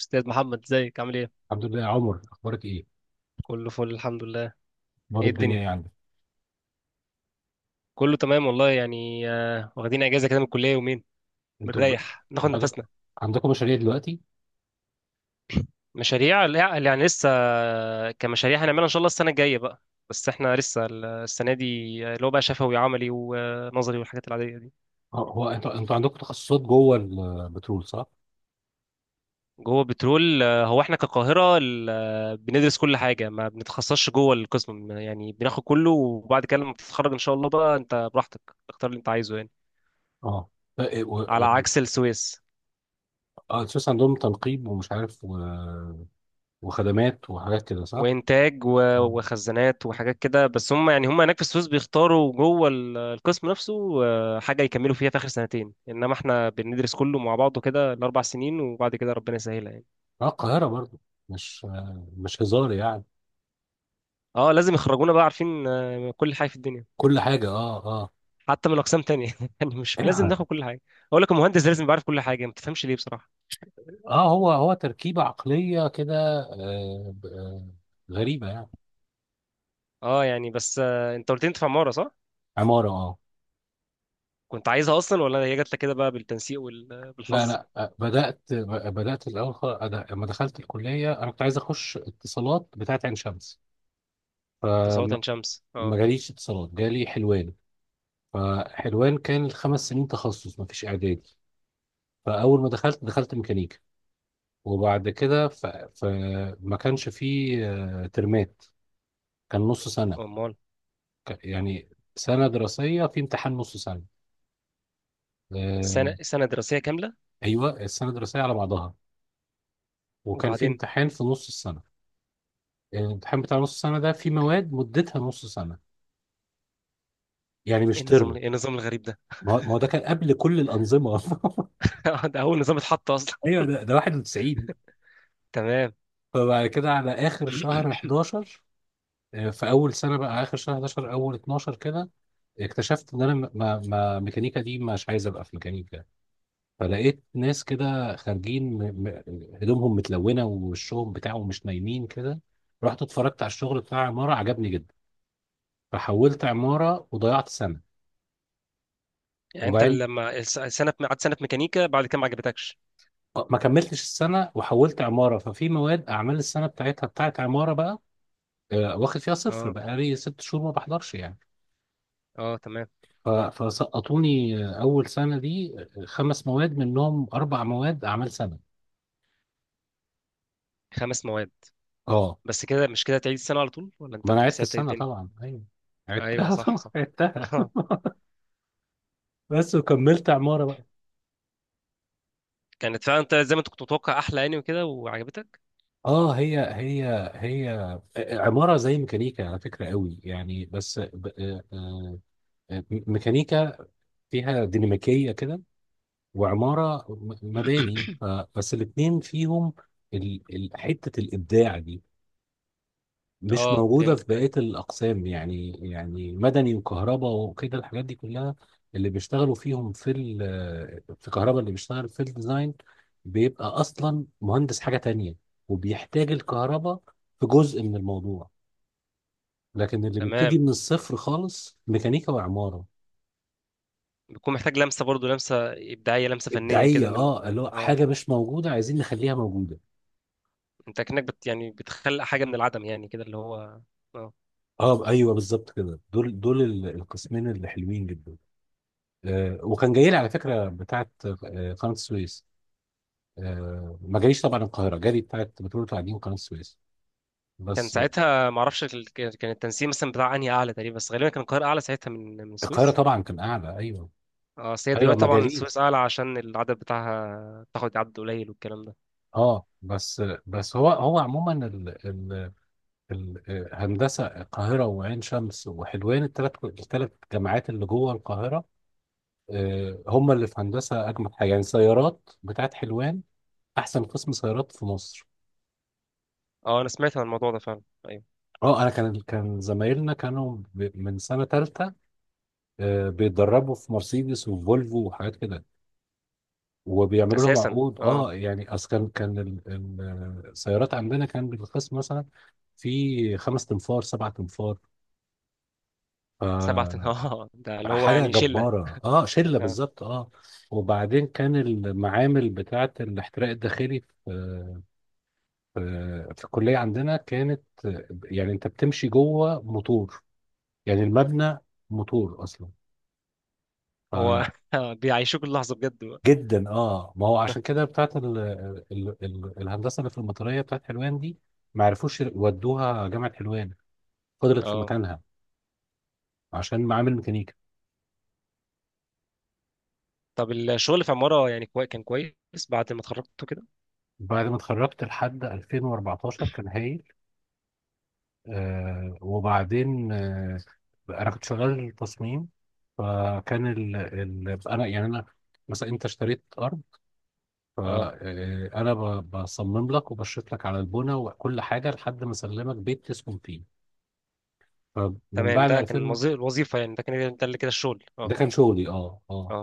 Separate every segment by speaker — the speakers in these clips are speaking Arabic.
Speaker 1: استاذ محمد، ازيك؟ عامل ايه؟
Speaker 2: الحمد لله يا عمر، اخبارك ايه؟
Speaker 1: كله فل، الحمد لله.
Speaker 2: اخبار
Speaker 1: ايه الدنيا؟
Speaker 2: الدنيا ايه عندك؟
Speaker 1: كله تمام والله، يعني واخدين اجازه كده من الكليه يومين،
Speaker 2: انتوا ب...
Speaker 1: بنريح ناخد
Speaker 2: انتوا عندك...
Speaker 1: نفسنا.
Speaker 2: عندكم مشاريع دلوقتي؟
Speaker 1: مشاريع لا، يعني لسه كمشاريع هنعملها ان شاء الله السنه الجايه بقى. بس احنا لسه السنه دي اللي هو بقى شفوي وعملي ونظري والحاجات العاديه دي.
Speaker 2: اه هو انتوا عندكم تخصصات جوه البترول، صح؟
Speaker 1: جوه بترول هو احنا كقاهره بندرس كل حاجه، ما بنتخصصش جوه القسم يعني، بناخد كله وبعد كده لما بتتخرج ان شاء الله بقى انت براحتك تختار اللي انت عايزه يعني.
Speaker 2: اه ف- و...
Speaker 1: على عكس السويس.
Speaker 2: اه، اساس عندهم تنقيب ومش عارف وخدمات وحاجات كده، صح؟
Speaker 1: وانتاج
Speaker 2: اه
Speaker 1: وخزانات وحاجات كده، بس هم يعني هم هناك في السويس بيختاروا جوه القسم نفسه حاجه يكملوا فيها في اخر سنتين، انما احنا بندرس كله مع بعضه كده الاربع سنين، وبعد كده ربنا يسهلها يعني.
Speaker 2: اه، القاهره برضو، مش هزار يعني.
Speaker 1: اه، لازم يخرجونا بقى عارفين كل حاجه في الدنيا،
Speaker 2: كل حاجه، اه اه.
Speaker 1: حتى من اقسام تانية يعني مش لازم ناخد كل حاجه. اقول لك، المهندس لازم يبقى عارف كل حاجه، ما تفهمش ليه بصراحه.
Speaker 2: اه، هو تركيبه عقليه كده، آه... ب- آه، غريبه يعني.
Speaker 1: اه يعني، بس انت قلت لي انت في عماره، صح؟
Speaker 2: عماره، اه.
Speaker 1: كنت عايزها اصلا ولا هي جات لك كده بقى بالتنسيق
Speaker 2: لا
Speaker 1: وبالحظ؟
Speaker 2: انا بدات بدات الاول خالص، أنا لما دخلت الكليه انا كنت عايز اخش اتصالات بتاعت عين شمس،
Speaker 1: تساوي عين
Speaker 2: فما
Speaker 1: شمس، اه.
Speaker 2: جاليش اتصالات، جالي حلوان. فحلوان كان الخمس سنين تخصص، ما فيش اعدادي. فاول ما دخلت، دخلت ميكانيكا. وبعد كده فما كانش فيه ترمات، كان نص سنه.
Speaker 1: امال.
Speaker 2: ك- يعني سنه دراسيه في امتحان نص سنه. آه،
Speaker 1: سنه دراسيه كامله.
Speaker 2: ايوه، السنه الدراسيه على بعضها، وكان في
Speaker 1: وبعدين؟
Speaker 2: امتحان في نص السنه. الامتحان بتاع نص السنة ده في مواد مدتها نص سنة، يعني مش تربو.
Speaker 1: ايه النظام الغريب ده؟
Speaker 2: ما هو ده كان قبل كل الأنظمة.
Speaker 1: ده اول نظام اتحط اصلا.
Speaker 2: ايوه، ده 91.
Speaker 1: تمام.
Speaker 2: فبعد كده على آخر شهر 11، في أول سنة بقى آخر شهر 11 أول 12 كده، اكتشفت ان انا م- ما ما ميكانيكا دي، مش عايز ابقى في ميكانيكا. فلقيت ناس كده خارجين هدومهم متلونه ووشهم بتاعهم مش نايمين كده، رحت اتفرجت على الشغل بتاع عماره، عجبني جدا. فحولت عماره وضيعت سنه.
Speaker 1: يعني انت
Speaker 2: وبعدين،
Speaker 1: لما سنه قعدت سنه في ميكانيكا بعد كده ما عجبتكش؟
Speaker 2: ما كملتش السنة وحولت عمارة، ففي مواد أعمال السنة بتاعتها بتاعت عمارة بقى، واخد فيها صفر،
Speaker 1: اه
Speaker 2: بقالي ست شهور ما بحضرش يعني.
Speaker 1: اه، تمام.
Speaker 2: فسقطوني أول سنة دي خمس مواد، منهم أربع مواد أعمال سنة.
Speaker 1: خمس مواد؟
Speaker 2: أه.
Speaker 1: بس كده؟ مش كده تعيد السنه على طول، ولا
Speaker 2: ما
Speaker 1: انت
Speaker 2: أنا
Speaker 1: كنت
Speaker 2: عدت
Speaker 1: ساعتها ايه
Speaker 2: السنة
Speaker 1: الدنيا؟
Speaker 2: طبعا، أيوه
Speaker 1: ايوه،
Speaker 2: عدتها،
Speaker 1: صح
Speaker 2: طبعا
Speaker 1: صح.
Speaker 2: عدتها.
Speaker 1: اه.
Speaker 2: بس، وكملت عمارة بقى.
Speaker 1: كانت فعلا انت زي ما انت كنت متوقع، احلى يعني وكده وعجبتك؟
Speaker 2: اه، هي عمارة زي ميكانيكا على فكرة قوي يعني، بس ميكانيكا فيها ديناميكية كده، وعمارة مباني. بس الاتنين فيهم حتة الإبداع دي، مش
Speaker 1: اه،
Speaker 2: موجودة في
Speaker 1: فهمتك، ايوه.
Speaker 2: بقية الأقسام يعني، يعني مدني وكهرباء وكده، الحاجات دي كلها. اللي بيشتغلوا فيهم في في كهرباء، اللي بيشتغل في الديزاين بيبقى أصلا مهندس حاجة تانية، وبيحتاج الكهرباء في جزء من الموضوع. لكن اللي بيبتدي
Speaker 1: تمام.
Speaker 2: من الصفر خالص ميكانيكا وعمارة.
Speaker 1: بيكون محتاج لمسه برضو، لمسه ابداعيه، لمسه فنيه
Speaker 2: إبداعية،
Speaker 1: كده من.
Speaker 2: اه، اللي هو
Speaker 1: اه.
Speaker 2: حاجة مش موجودة عايزين نخليها موجودة.
Speaker 1: انت كأنك بت يعني بتخلق حاجه من العدم يعني كده، اللي هو. اه.
Speaker 2: اه ايوه بالظبط كده، دول القسمين اللي حلوين جدا. آه، وكان جاي لي على فكره بتاعه آه قناه السويس. آه، ما جاليش طبعا، القاهره جالي، بتاعه بترول القاعدين قناه السويس،
Speaker 1: كان
Speaker 2: بس آه.
Speaker 1: ساعتها ما اعرفش كان التنسيق مثلا بتاع انهي اعلى تقريبا، بس غالبا كان القاهره اعلى ساعتها من
Speaker 2: القاهره
Speaker 1: السويس.
Speaker 2: طبعا كان اعلى، ايوه.
Speaker 1: اه، بس هي
Speaker 2: ايوه،
Speaker 1: دلوقتي
Speaker 2: ما
Speaker 1: طبعا السويس
Speaker 2: جاليش.
Speaker 1: اعلى عشان العدد بتاعها، بتاخد عدد قليل والكلام ده.
Speaker 2: اه بس آه، بس هو عموما ال ال ال آه، هندسه القاهره وعين شمس وحلوان، الثلاث جامعات اللي جوه القاهره، آه هم اللي في هندسه اجمد حاجه يعني. سيارات بتاعه حلوان، احسن قسم سيارات في مصر.
Speaker 1: اه، انا سمعت عن الموضوع ده فعلا. ايوه.
Speaker 2: اه، انا كان زمايلنا كانوا من سنه ثالثه بيتدربوا في مرسيدس وفولفو وحاجات كده، وبيعملوا لهم
Speaker 1: اساسا،
Speaker 2: عقود،
Speaker 1: اه.
Speaker 2: اه. يعني اصل كان السيارات عندنا كان بالقسم مثلا في خمس تنفار، سبع تنفار.
Speaker 1: سبعة.
Speaker 2: ف-
Speaker 1: اه، ده اللي هو
Speaker 2: حاجه
Speaker 1: يعني شله.
Speaker 2: جباره، اه، شله
Speaker 1: آه.
Speaker 2: بالظبط، اه. وبعدين كان المعامل بتاعه الاحتراق الداخلي في في الكليه عندنا كانت، يعني انت بتمشي جوه موتور، يعني المبنى موتور اصلا.
Speaker 1: هو بيعيشوك اللحظه بجد بقى.
Speaker 2: جدا، اه. ما هو عشان كده بتاعت ال ال ال الهندسه اللي في المطريه بتاعت حلوان دي، ما عرفوش ودوها جامعه حلوان، فضلت في
Speaker 1: اه.
Speaker 2: مكانها عشان معامل ميكانيكا.
Speaker 1: طب الشغل في عماره يعني كان كويس بعد ما اتخرجت كده؟
Speaker 2: بعد ما اتخرجت لحد 2014 كان هايل. آه، وبعدين آه، انا كنت شغال تصميم. فكان ال ال انا يعني انا مثلا انت اشتريت ارض،
Speaker 1: اه،
Speaker 2: فانا بصمم لك وبشرط لك على البنى وكل حاجه لحد ما اسلمك بيت تسكن فيه. فمن
Speaker 1: تمام.
Speaker 2: بعد،
Speaker 1: ده كان الوظيفه يعني، ده كان ده اللي كده الشغل،
Speaker 2: ده
Speaker 1: اه
Speaker 2: كان شغلي اه اه.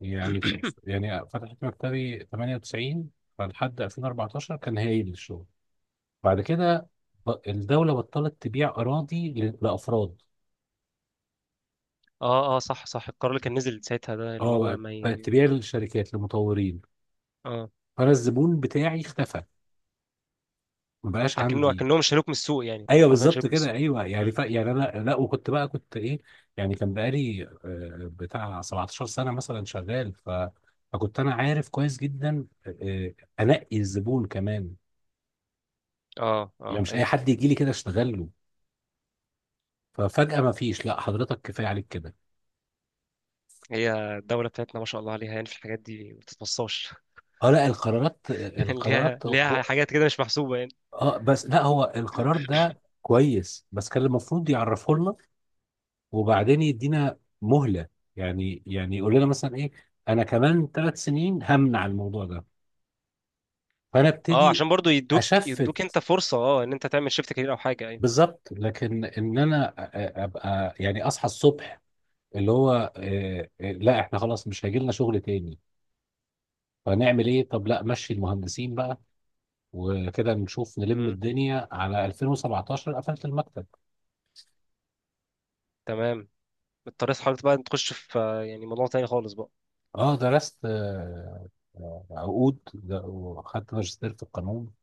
Speaker 2: يعني
Speaker 1: اه
Speaker 2: يعني فتحت مكتبي 98، فلحد 2014 كان هايل الشغل. بعد كده، الدولة بطلت تبيع أراضي لأفراد.
Speaker 1: اه اه، صح صح. القرار اللي كان نزل ساعتها، ده اللي
Speaker 2: اه،
Speaker 1: هو
Speaker 2: بقت
Speaker 1: ما
Speaker 2: بقت
Speaker 1: ي...
Speaker 2: تبيع للشركات، للمطورين.
Speaker 1: اه.
Speaker 2: فأنا الزبون بتاعي اختفى، ما بقاش عندي.
Speaker 1: لكنهم شالوك من السوق، يعني هم
Speaker 2: ايوه،
Speaker 1: حرفيا
Speaker 2: بالظبط
Speaker 1: شالوك من
Speaker 2: كده،
Speaker 1: السوق.
Speaker 2: ايوه. يعني
Speaker 1: مم.
Speaker 2: يعني انا لا، وكنت بقى كنت ايه، يعني كان بقالي بتاع 17 سنة مثلا شغال. فكنت انا عارف كويس جدا، انقي الزبون كمان.
Speaker 1: اه
Speaker 2: يعني
Speaker 1: اه،
Speaker 2: مش اي
Speaker 1: ايوه.
Speaker 2: حد يجي لي كده اشتغل له. ففجأة ما فيش، لا حضرتك كفاية عليك كده.
Speaker 1: هي الدولة بتاعتنا ما شاء الله عليها، يعني في الحاجات دي ما بتتوصاش.
Speaker 2: اه، لا، القرارات القرارات
Speaker 1: ليها
Speaker 2: هو.
Speaker 1: حاجات كده مش محسوبة يعني.
Speaker 2: اه، بس لا هو القرار ده كويس، بس كان المفروض يعرفه لنا وبعدين يدينا مهلة. يعني يقول لنا مثلا ايه، انا كمان ثلاث سنين همنع الموضوع ده، فانا
Speaker 1: اه،
Speaker 2: ابتدي.
Speaker 1: عشان برضو
Speaker 2: اشفت،
Speaker 1: يدوك انت فرصة، اه، ان انت تعمل شيفت كارير او حاجة، ايوه.
Speaker 2: بالظبط. لكن ان انا ابقى يعني اصحى الصبح اللي هو لا احنا خلاص مش هيجي لنا شغل تاني، فنعمل ايه؟ طب لا مشي المهندسين بقى، وكده نشوف نلم
Speaker 1: مم.
Speaker 2: الدنيا. على 2017 قفلت المكتب.
Speaker 1: تمام. اضطريت حضرتك بقى تخش في يعني موضوع تاني خالص بقى؟
Speaker 2: اه درست عقود وخدت ماجستير في القانون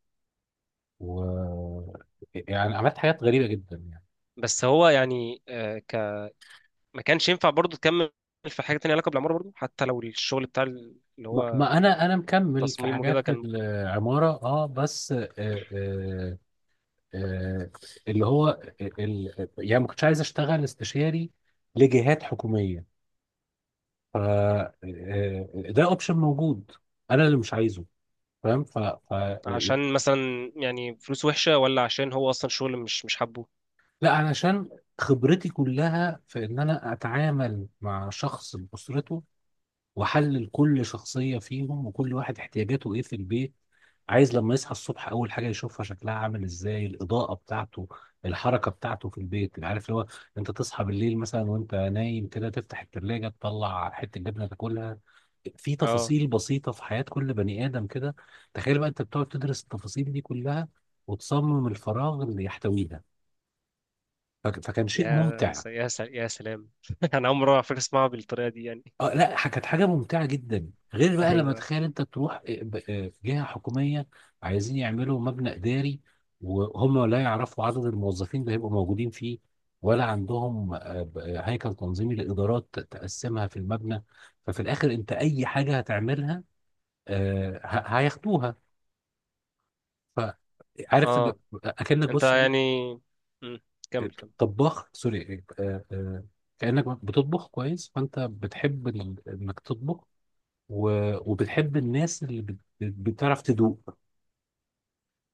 Speaker 2: و، يعني عملت حاجات غريبة جدا يعني.
Speaker 1: بس هو يعني ما كانش ينفع برضو تكمل في حاجة تانية علاقة بالعمارة برضو، حتى لو الشغل بتاع اللي
Speaker 2: ما
Speaker 1: هو
Speaker 2: ما انا انا مكمل في
Speaker 1: تصميم وكده
Speaker 2: حاجات
Speaker 1: كان؟
Speaker 2: العمارة اه، بس آه آه اللي هو، يعني ما كنتش عايز اشتغل استشاري لجهات حكومية. ف ده اوبشن موجود، انا اللي مش عايزه. فاهم؟
Speaker 1: عشان مثلا يعني فلوس وحشة، ولا عشان هو أصلا شغل مش حابه؟
Speaker 2: لا، علشان خبرتي كلها في ان انا اتعامل مع شخص باسرته، واحلل كل شخصيه فيهم، وكل واحد احتياجاته ايه في البيت. عايز لما يصحى الصبح اول حاجه يشوفها شكلها عامل ازاي، الاضاءه بتاعته، الحركه بتاعته في البيت. عارف اللي هو، انت تصحى بالليل مثلا وانت نايم كده، تفتح التلاجة تطلع حته جبنه تاكلها. في
Speaker 1: اه.
Speaker 2: تفاصيل بسيطه في حياه كل بني ادم كده. تخيل بقى انت بتقعد تدرس التفاصيل دي كلها، وتصمم الفراغ اللي يحتويها. فكان شيء ممتع.
Speaker 1: يا سلام. أنا أول مرة على فكرة أسمعها بالطريقة دي يعني.
Speaker 2: اه لا، كانت حاجه ممتعه جدا، غير بقى لما
Speaker 1: أيوه.
Speaker 2: تخيل انت تروح جهه حكوميه عايزين يعملوا مبنى اداري، وهم لا يعرفوا عدد الموظفين اللي هيبقوا موجودين فيه، ولا عندهم هيكل تنظيمي لادارات تقسمها في المبنى. ففي الاخر انت اي حاجه هتعملها هياخدوها. ف- عارف إن،
Speaker 1: اه،
Speaker 2: اكنك
Speaker 1: أنت
Speaker 2: بص
Speaker 1: يعني.
Speaker 2: ايه،
Speaker 1: مم. كمل كمل.
Speaker 2: طباخ سوري، إيه، آه، آه، كانك بتطبخ كويس، فانت بتحب إن انك تطبخ و... وبتحب الناس اللي بتعرف تدوق.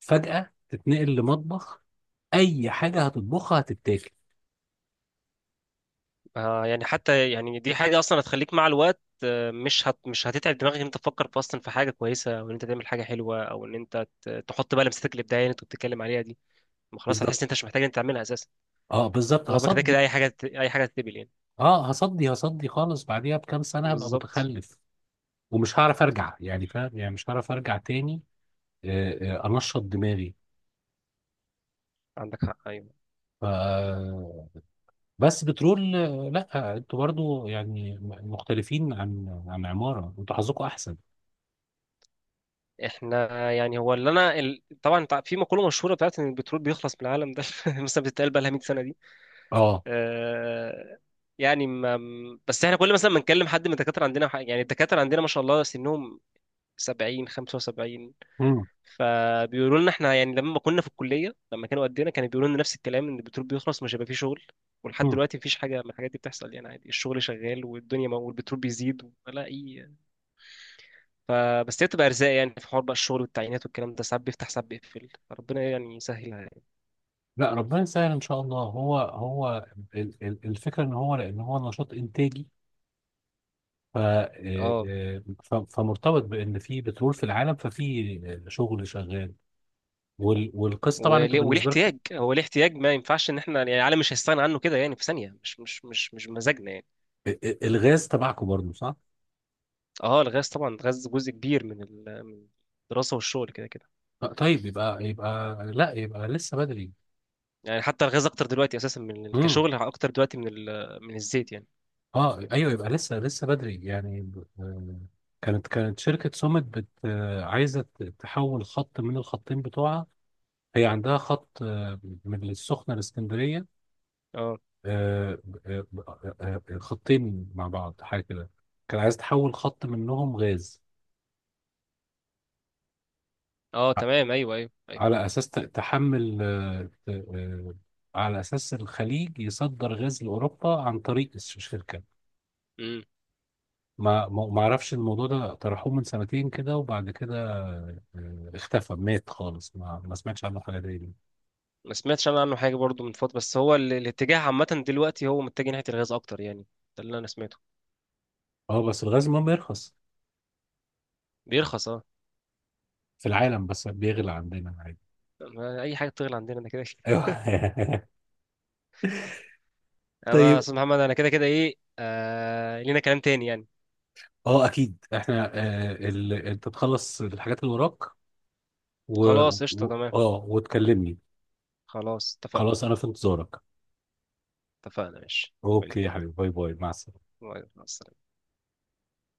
Speaker 2: فجأة تتنقل لمطبخ، أي حاجة هتطبخها هتتاكل.
Speaker 1: آه يعني، حتى يعني دي حاجة أصلا هتخليك مع الوقت مش هتتعب دماغك إن أنت تفكر في أصلا في حاجة كويسة، أو إن أنت تعمل حاجة حلوة، أو إن أنت تحط بقى لمستك الإبداعية اللي أنت بتتكلم عليها دي. ما خلاص، هتحس
Speaker 2: بالظبط،
Speaker 1: إن أنت مش محتاج إن أنت تعملها أساسا،
Speaker 2: اه بالظبط،
Speaker 1: طالما كده كده
Speaker 2: هصدي.
Speaker 1: أي حاجة تتقبل يعني.
Speaker 2: اه، هصدي خالص، بعديها بكام سنة هبقى
Speaker 1: بالظبط.
Speaker 2: متخلف. ومش هعرف أرجع، يعني فاهم يعني، مش هعرف أرجع تاني أنشط دماغي.
Speaker 1: عندك حق، أيوه.
Speaker 2: ف... بس بترول لا انتوا برضو يعني مختلفين عن عن عمارة، انتوا حظكم أحسن.
Speaker 1: احنا يعني هو اللي انا طبعا في مقوله مشهوره بتاعت ان البترول بيخلص من العالم ده، مثلا بتتقال بقى لها 100 سنه دي
Speaker 2: اه.
Speaker 1: آه، يعني ما... بس احنا كل مثلا ما نكلم حد من الدكاتره عندنا يعني الدكاتره عندنا ما شاء الله سنهم 70، 75،
Speaker 2: مم.
Speaker 1: فبيقولوا لنا احنا يعني لما كنا في الكليه لما كانوا قدنا كانوا بيقولوا لنا نفس الكلام ان البترول بيخلص، مش هيبقى فيه شغل، ولحد
Speaker 2: مم.
Speaker 1: دلوقتي مفيش حاجه من الحاجات دي بتحصل يعني. عادي الشغل شغال، والدنيا والبترول بيزيد ولا اي. فبس هي بتبقى ارزاق يعني، في حوار بقى الشغل والتعيينات والكلام ده ساعات بيفتح ساعات بيقفل، ربنا يعني يسهلها يعني.
Speaker 2: لا ربنا يسهل ان شاء الله. الفكره ان هو، لان هو نشاط انتاجي. ف آه،
Speaker 1: اه.
Speaker 2: آه، ف- فمرتبط بان في بترول في العالم، ففي شغل شغال. والقصه طبعا انتوا
Speaker 1: وليه
Speaker 2: بالنسبه لكم
Speaker 1: احتياج، هو ليه احتياج؟ ما ينفعش ان احنا يعني العالم مش هيستغنى عنه كده يعني في ثانيه، مش بمزاجنا يعني.
Speaker 2: الغاز تبعكم برضه، صح؟
Speaker 1: اه، الغاز طبعا الغاز جزء كبير من من الدراسه والشغل كده كده.
Speaker 2: طيب، يبقى يبقى، لا يبقى لسه بدري.
Speaker 1: يعني حتى الغاز اكتر دلوقتي اساسا من
Speaker 2: امم.
Speaker 1: كشغل، اكتر دلوقتي من من الزيت يعني.
Speaker 2: اه ايوه، يبقى لسه بدري يعني. كانت شركه سوميت بت آه، عايزه تحول خط من الخطين بتوعها. هي عندها خط من السخنه لاسكندريه
Speaker 1: اه
Speaker 2: آه، آه، خطين مع بعض حاجه كده. كان عايز تحول خط منهم غاز،
Speaker 1: اه، تمام. ايوه ايوه ايوه.
Speaker 2: على اساس تحمل على اساس الخليج يصدر غاز لاوروبا عن طريق الشركه.
Speaker 1: امم.
Speaker 2: ما اعرفش، الموضوع ده طرحوه من سنتين كده، وبعد كده اختفى مات خالص، ما سمعتش عنه حاجه تاني.
Speaker 1: ما سمعتش انا عنه حاجه برضو من فتره، بس هو الاتجاه عامه دلوقتي هو متجه ناحيه الغاز اكتر يعني، ده اللي انا سمعته.
Speaker 2: اه، بس الغاز المهم يرخص
Speaker 1: بيرخص، اه.
Speaker 2: في العالم، بس بيغلى عندنا عادي.
Speaker 1: ما اي حاجه بتغلى عندنا، انا كده كده.
Speaker 2: ايوه.
Speaker 1: انا استاذ محمد، انا كده كده ايه لينا كلام تاني يعني.
Speaker 2: اه اكيد احنا انت تخلص الحاجات اللي وراك و...
Speaker 1: خلاص، قشطه، تمام.
Speaker 2: اه وتكلمني.
Speaker 1: خلاص اتفقنا.
Speaker 2: خلاص، انا في انتظارك.
Speaker 1: اتفقنا، ماشي.
Speaker 2: اوكي
Speaker 1: حبيبي،
Speaker 2: يا حبيبي، باي باي، مع السلامه.
Speaker 1: مع السلامة.